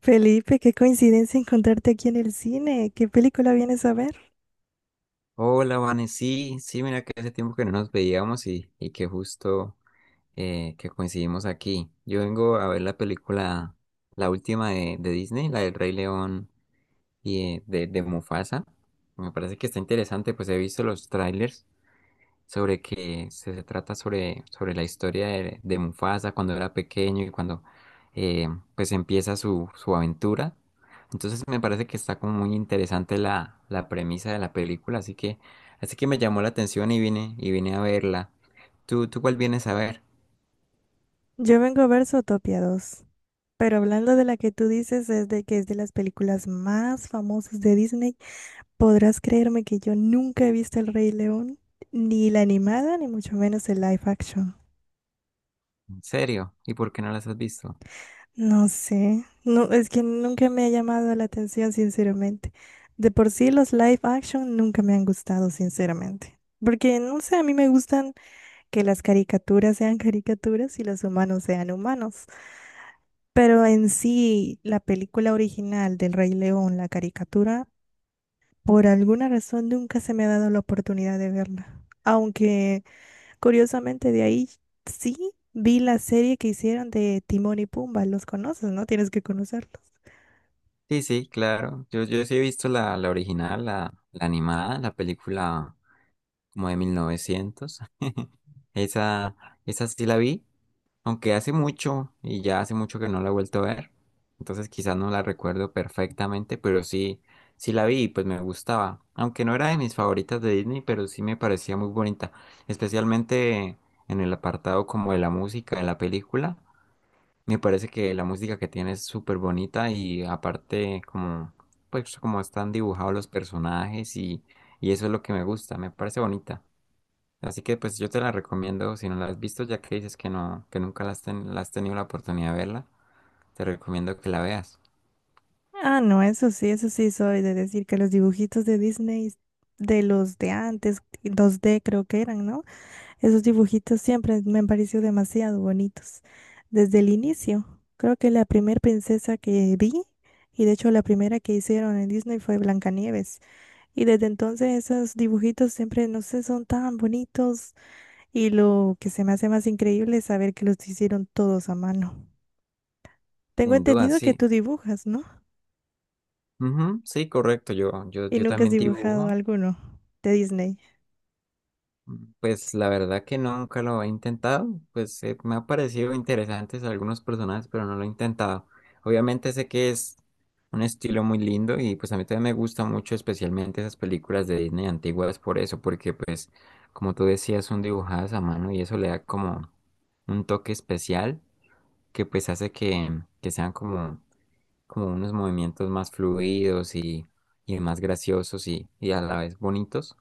Felipe, qué coincidencia encontrarte aquí en el cine. ¿Qué película vienes a ver? Hola, Vane. Sí, sí, mira que hace tiempo que no nos veíamos y que justo que coincidimos aquí. Yo vengo a ver la película, la última de Disney, la del Rey León y de Mufasa. Me parece que está interesante, pues he visto los trailers sobre que se trata sobre la historia de Mufasa cuando era pequeño y cuando eh, pues empieza su aventura. Entonces me parece que está como muy interesante la premisa de la película, así que me llamó la atención y vine a verla. ¿Tú cuál vienes a ver? Yo vengo a ver Zootopia 2, pero hablando de la que tú dices es de que es de las películas más famosas de Disney, podrás creerme que yo nunca he visto El Rey León, ni la animada, ni mucho menos el live action. ¿En serio? ¿Y por qué no las has visto? No sé, no, es que nunca me ha llamado la atención, sinceramente. De por sí los live action nunca me han gustado, sinceramente. Porque, no sé, a mí me gustan que las caricaturas sean caricaturas y los humanos sean humanos. Pero en sí, la película original del Rey León, la caricatura, por alguna razón nunca se me ha dado la oportunidad de verla. Aunque curiosamente de ahí sí vi la serie que hicieron de Timón y Pumba. Los conoces, ¿no? Tienes que conocerlos. Sí, sí, claro. Yo sí he visto la original, la animada, la película como de mil novecientos. Esa, esa sí la vi, aunque hace mucho y ya hace mucho que no la he vuelto a ver. Entonces quizás no la recuerdo perfectamente, pero sí, sí la vi y pues me gustaba. Aunque no era de mis favoritas de Disney, pero sí me parecía muy bonita. Especialmente en el apartado como de la música de la película. Me parece que la música que tiene es súper bonita y aparte como, pues como están dibujados los personajes y eso es lo que me gusta, me parece bonita. Así que pues yo te la recomiendo, si no la has visto, ya que dices que no, que nunca la has tenido la oportunidad de verla, te recomiendo que la veas. Ah, no, eso sí soy de decir que los dibujitos de Disney, de los de antes, 2D creo que eran, ¿no? Esos dibujitos siempre me han parecido demasiado bonitos. Desde el inicio, creo que la primera princesa que vi, y de hecho la primera que hicieron en Disney fue Blancanieves. Y desde entonces esos dibujitos siempre, no sé, son tan bonitos. Y lo que se me hace más increíble es saber que los hicieron todos a mano. Tengo Sin duda, entendido que sí. tú dibujas, ¿no? Ujú, sí, correcto. ¿Y Yo nunca has también dibujado dibujo. alguno de Disney? Pues la verdad que no, nunca lo he intentado, pues me ha parecido interesantes algunos personajes, pero no lo he intentado. Obviamente sé que es un estilo muy lindo y pues a mí también me gusta mucho especialmente esas películas de Disney antiguas por eso, porque pues como tú decías son dibujadas a mano y eso le da como un toque especial que pues hace que sean como, como unos movimientos más fluidos y más graciosos y a la vez bonitos.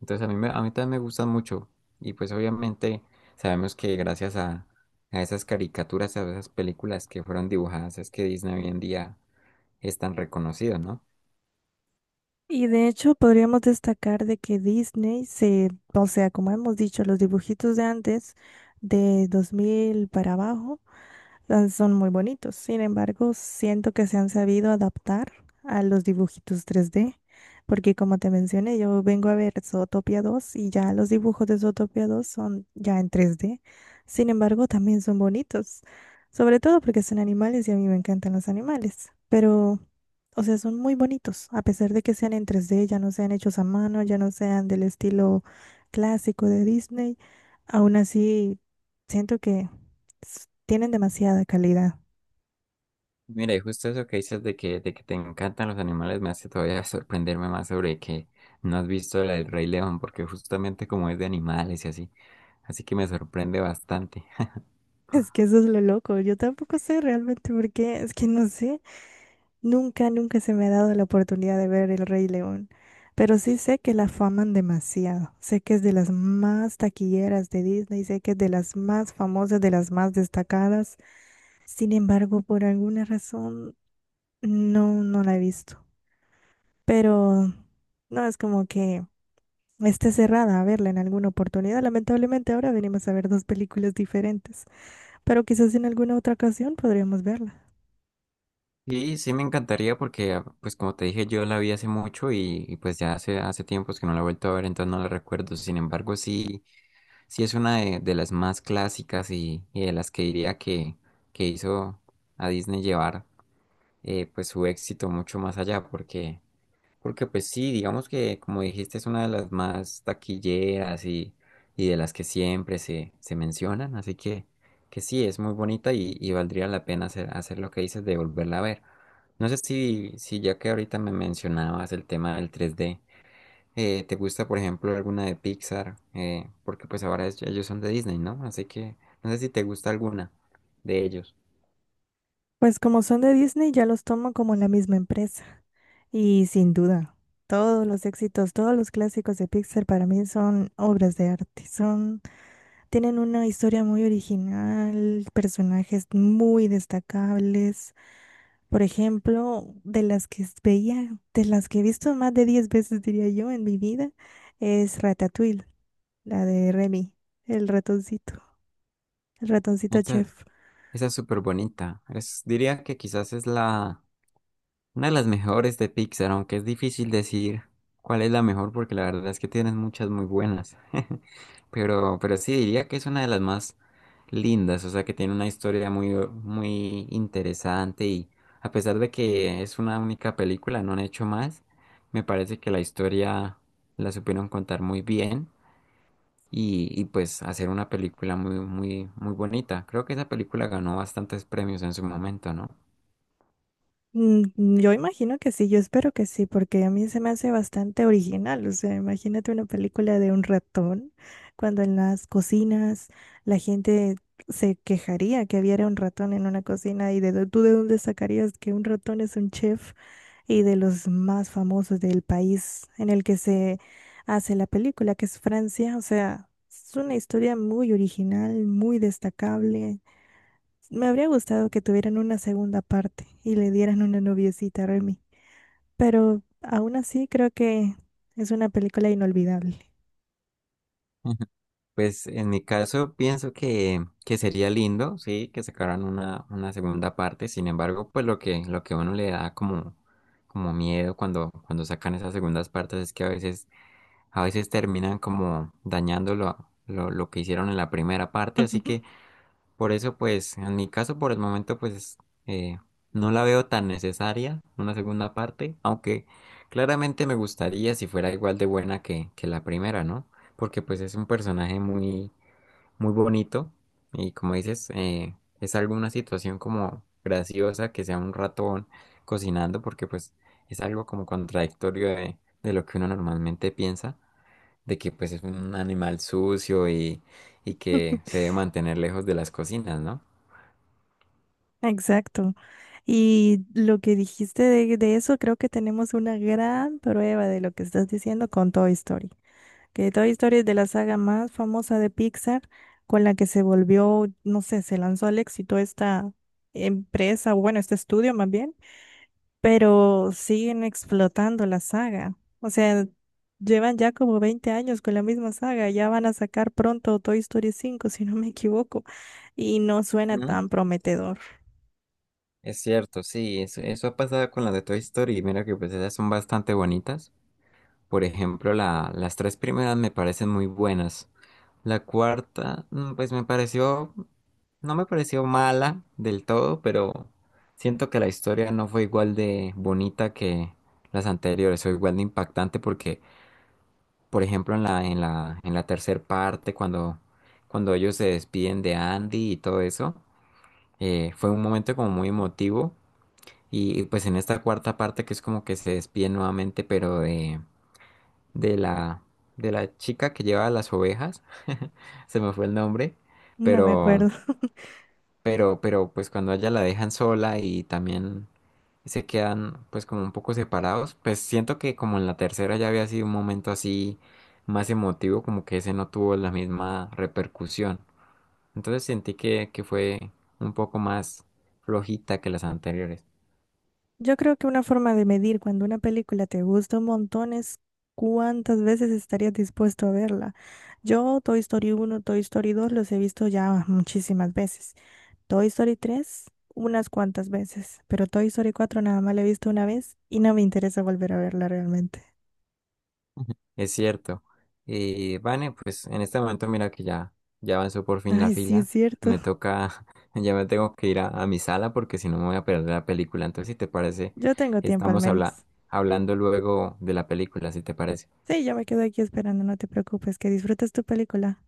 Entonces a a mí también me gustan mucho. Y pues obviamente sabemos que gracias a esas caricaturas, a esas películas que fueron dibujadas, es que Disney hoy en día es tan reconocido, ¿no? Y de hecho podríamos destacar de que Disney se, o sea, como hemos dicho, los dibujitos de antes, de 2000 para abajo, ah, son muy bonitos. Sin embargo, siento que se han sabido adaptar a los dibujitos 3D, porque como te mencioné, yo vengo a ver Zootopia 2 y ya los dibujos de Zootopia 2 son ya en 3D. Sin embargo, también son bonitos, sobre todo porque son animales y a mí me encantan los animales, pero, o sea, son muy bonitos, a pesar de que sean en 3D, ya no sean hechos a mano, ya no sean del estilo clásico de Disney, aún así siento que tienen demasiada calidad. Mira, y justo eso que dices de de que te encantan los animales me hace todavía sorprenderme más sobre que no has visto la del Rey León, porque justamente como es de animales y así. Así que me sorprende bastante. Es que eso es lo loco. Yo tampoco sé realmente por qué. Es que no sé. Nunca se me ha dado la oportunidad de ver El Rey León. Pero sí sé que la faman demasiado. Sé que es de las más taquilleras de Disney. Sé que es de las más famosas, de las más destacadas. Sin embargo, por alguna razón, no la he visto. Pero no es como que esté cerrada a verla en alguna oportunidad. Lamentablemente, ahora venimos a ver dos películas diferentes, pero quizás en alguna otra ocasión podríamos verla. Sí, sí me encantaría porque, ah, pues como te dije, yo la vi hace mucho pues ya hace tiempos que no la he vuelto a ver, entonces no la recuerdo. Sin embargo, sí, sí es una de las más clásicas y de las que diría que hizo a Disney llevar pues su éxito mucho más allá, porque pues sí, digamos que como dijiste es una de las más taquilleras y de las que siempre se mencionan, que sí, es muy bonita y valdría la pena hacer lo que dices de volverla a ver. No sé si ya que ahorita me mencionabas el tema del 3D, ¿te gusta por ejemplo alguna de Pixar? Porque pues ahora ellos son de Disney, ¿no? Así que no sé si te gusta alguna de ellos. Pues como son de Disney, ya los tomo como la misma empresa. Y sin duda, todos los éxitos, todos los clásicos de Pixar para mí son obras de arte. Son, tienen una historia muy original, personajes muy destacables. Por ejemplo, de las que veía, de las que he visto más de 10 veces, diría yo, en mi vida, es Ratatouille, la de Remy, el ratoncito, el ratoncito Esa, chef. esa es súper bonita. Es, diría que quizás es la... Una de las mejores de Pixar, aunque es difícil decir cuál es la mejor porque la verdad es que tienes muchas muy buenas. Pero sí diría que es una de las más lindas, o sea que tiene una historia muy interesante y a pesar de que es una única película, no han hecho más, me parece que la historia la supieron contar muy bien y pues hacer una película muy, muy, muy bonita. Creo que esa película ganó bastantes premios en su momento, ¿no? Mm, mm, yo imagino que sí, yo espero que sí, porque a mí se me hace bastante original. O sea, imagínate una película de un ratón, cuando en las cocinas la gente se quejaría que hubiera un ratón en una cocina y tú de dónde sacarías que un ratón es un chef y de los más famosos del país en el que se hace la película, que es Francia. O sea, es una historia muy original, muy destacable. Me habría gustado que tuvieran una segunda parte y le dieran una noviecita a Remy, pero aún así creo que es una película inolvidable. Pues en mi caso pienso que sería lindo, sí, que sacaran una segunda parte. Sin embargo, pues lo lo que a uno le da como, como miedo cuando sacan esas segundas partes es que a veces terminan como dañando lo que hicieron en la primera parte. Así que por eso, pues, en mi caso, por el momento, pues, eh, no la veo tan necesaria, una segunda parte, aunque claramente me gustaría si fuera igual de buena que la primera, ¿no? Porque pues es un personaje muy muy bonito y como dices, es alguna situación como graciosa que sea un ratón cocinando porque pues es algo como contradictorio de lo que uno normalmente piensa, de que pues es un animal sucio y que se debe mantener lejos de las cocinas, ¿no? Exacto. Y lo que dijiste de eso, creo que tenemos una gran prueba de lo que estás diciendo con Toy Story. Que Toy Story es de la saga más famosa de Pixar, con la que se volvió, no sé, se lanzó al éxito esta empresa, o bueno, este estudio más bien, pero siguen explotando la saga. O sea, llevan ya como 20 años con la misma saga. Ya van a sacar pronto Toy Story 5 si no me equivoco. Y no suena Ujú. tan prometedor. Es cierto, sí, eso ha pasado con las de Toy Story y mira que pues esas son bastante bonitas. Por ejemplo, las tres primeras me parecen muy buenas. La cuarta, mm, pues me pareció, no me pareció mala del todo, pero siento que la historia no fue igual de bonita que las anteriores, o igual de impactante porque, por ejemplo, en la tercer parte, cuando ellos se despiden de Andy y todo eso, fue un momento como muy emotivo. Pues en esta cuarta parte que es como que se despiden nuevamente, pero de la, de la chica que lleva las ovejas, se me fue el nombre, No me pero, acuerdo. Pero pues cuando a ella la dejan sola y también se quedan pues como un poco separados, pues siento que como en la tercera ya había sido un momento así más emotivo, como que ese no tuvo la misma repercusión. Entonces sentí que fue un poco más flojita que las anteriores. Yo creo que una forma de medir cuando una película te gusta un montón es cuántas veces estarías dispuesto a verla. Yo Toy Story 1, Toy Story 2 los he visto ya muchísimas veces. Toy Story 3 unas cuantas veces, pero Toy Story 4 nada más la he visto una vez y no me interesa volver a verla realmente. Es cierto. Y Vane, pues en este momento mira que ya, ya avanzó por fin la Ay, sí, es fila. cierto. Me toca, ya me tengo que ir a mi sala porque si no me voy a perder la película. Entonces, si te parece, Yo tengo tiempo al estamos menos. hablando luego de la película, si te parece. Sí, yo me quedo aquí esperando, no te preocupes, que disfrutes tu película.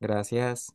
Gracias.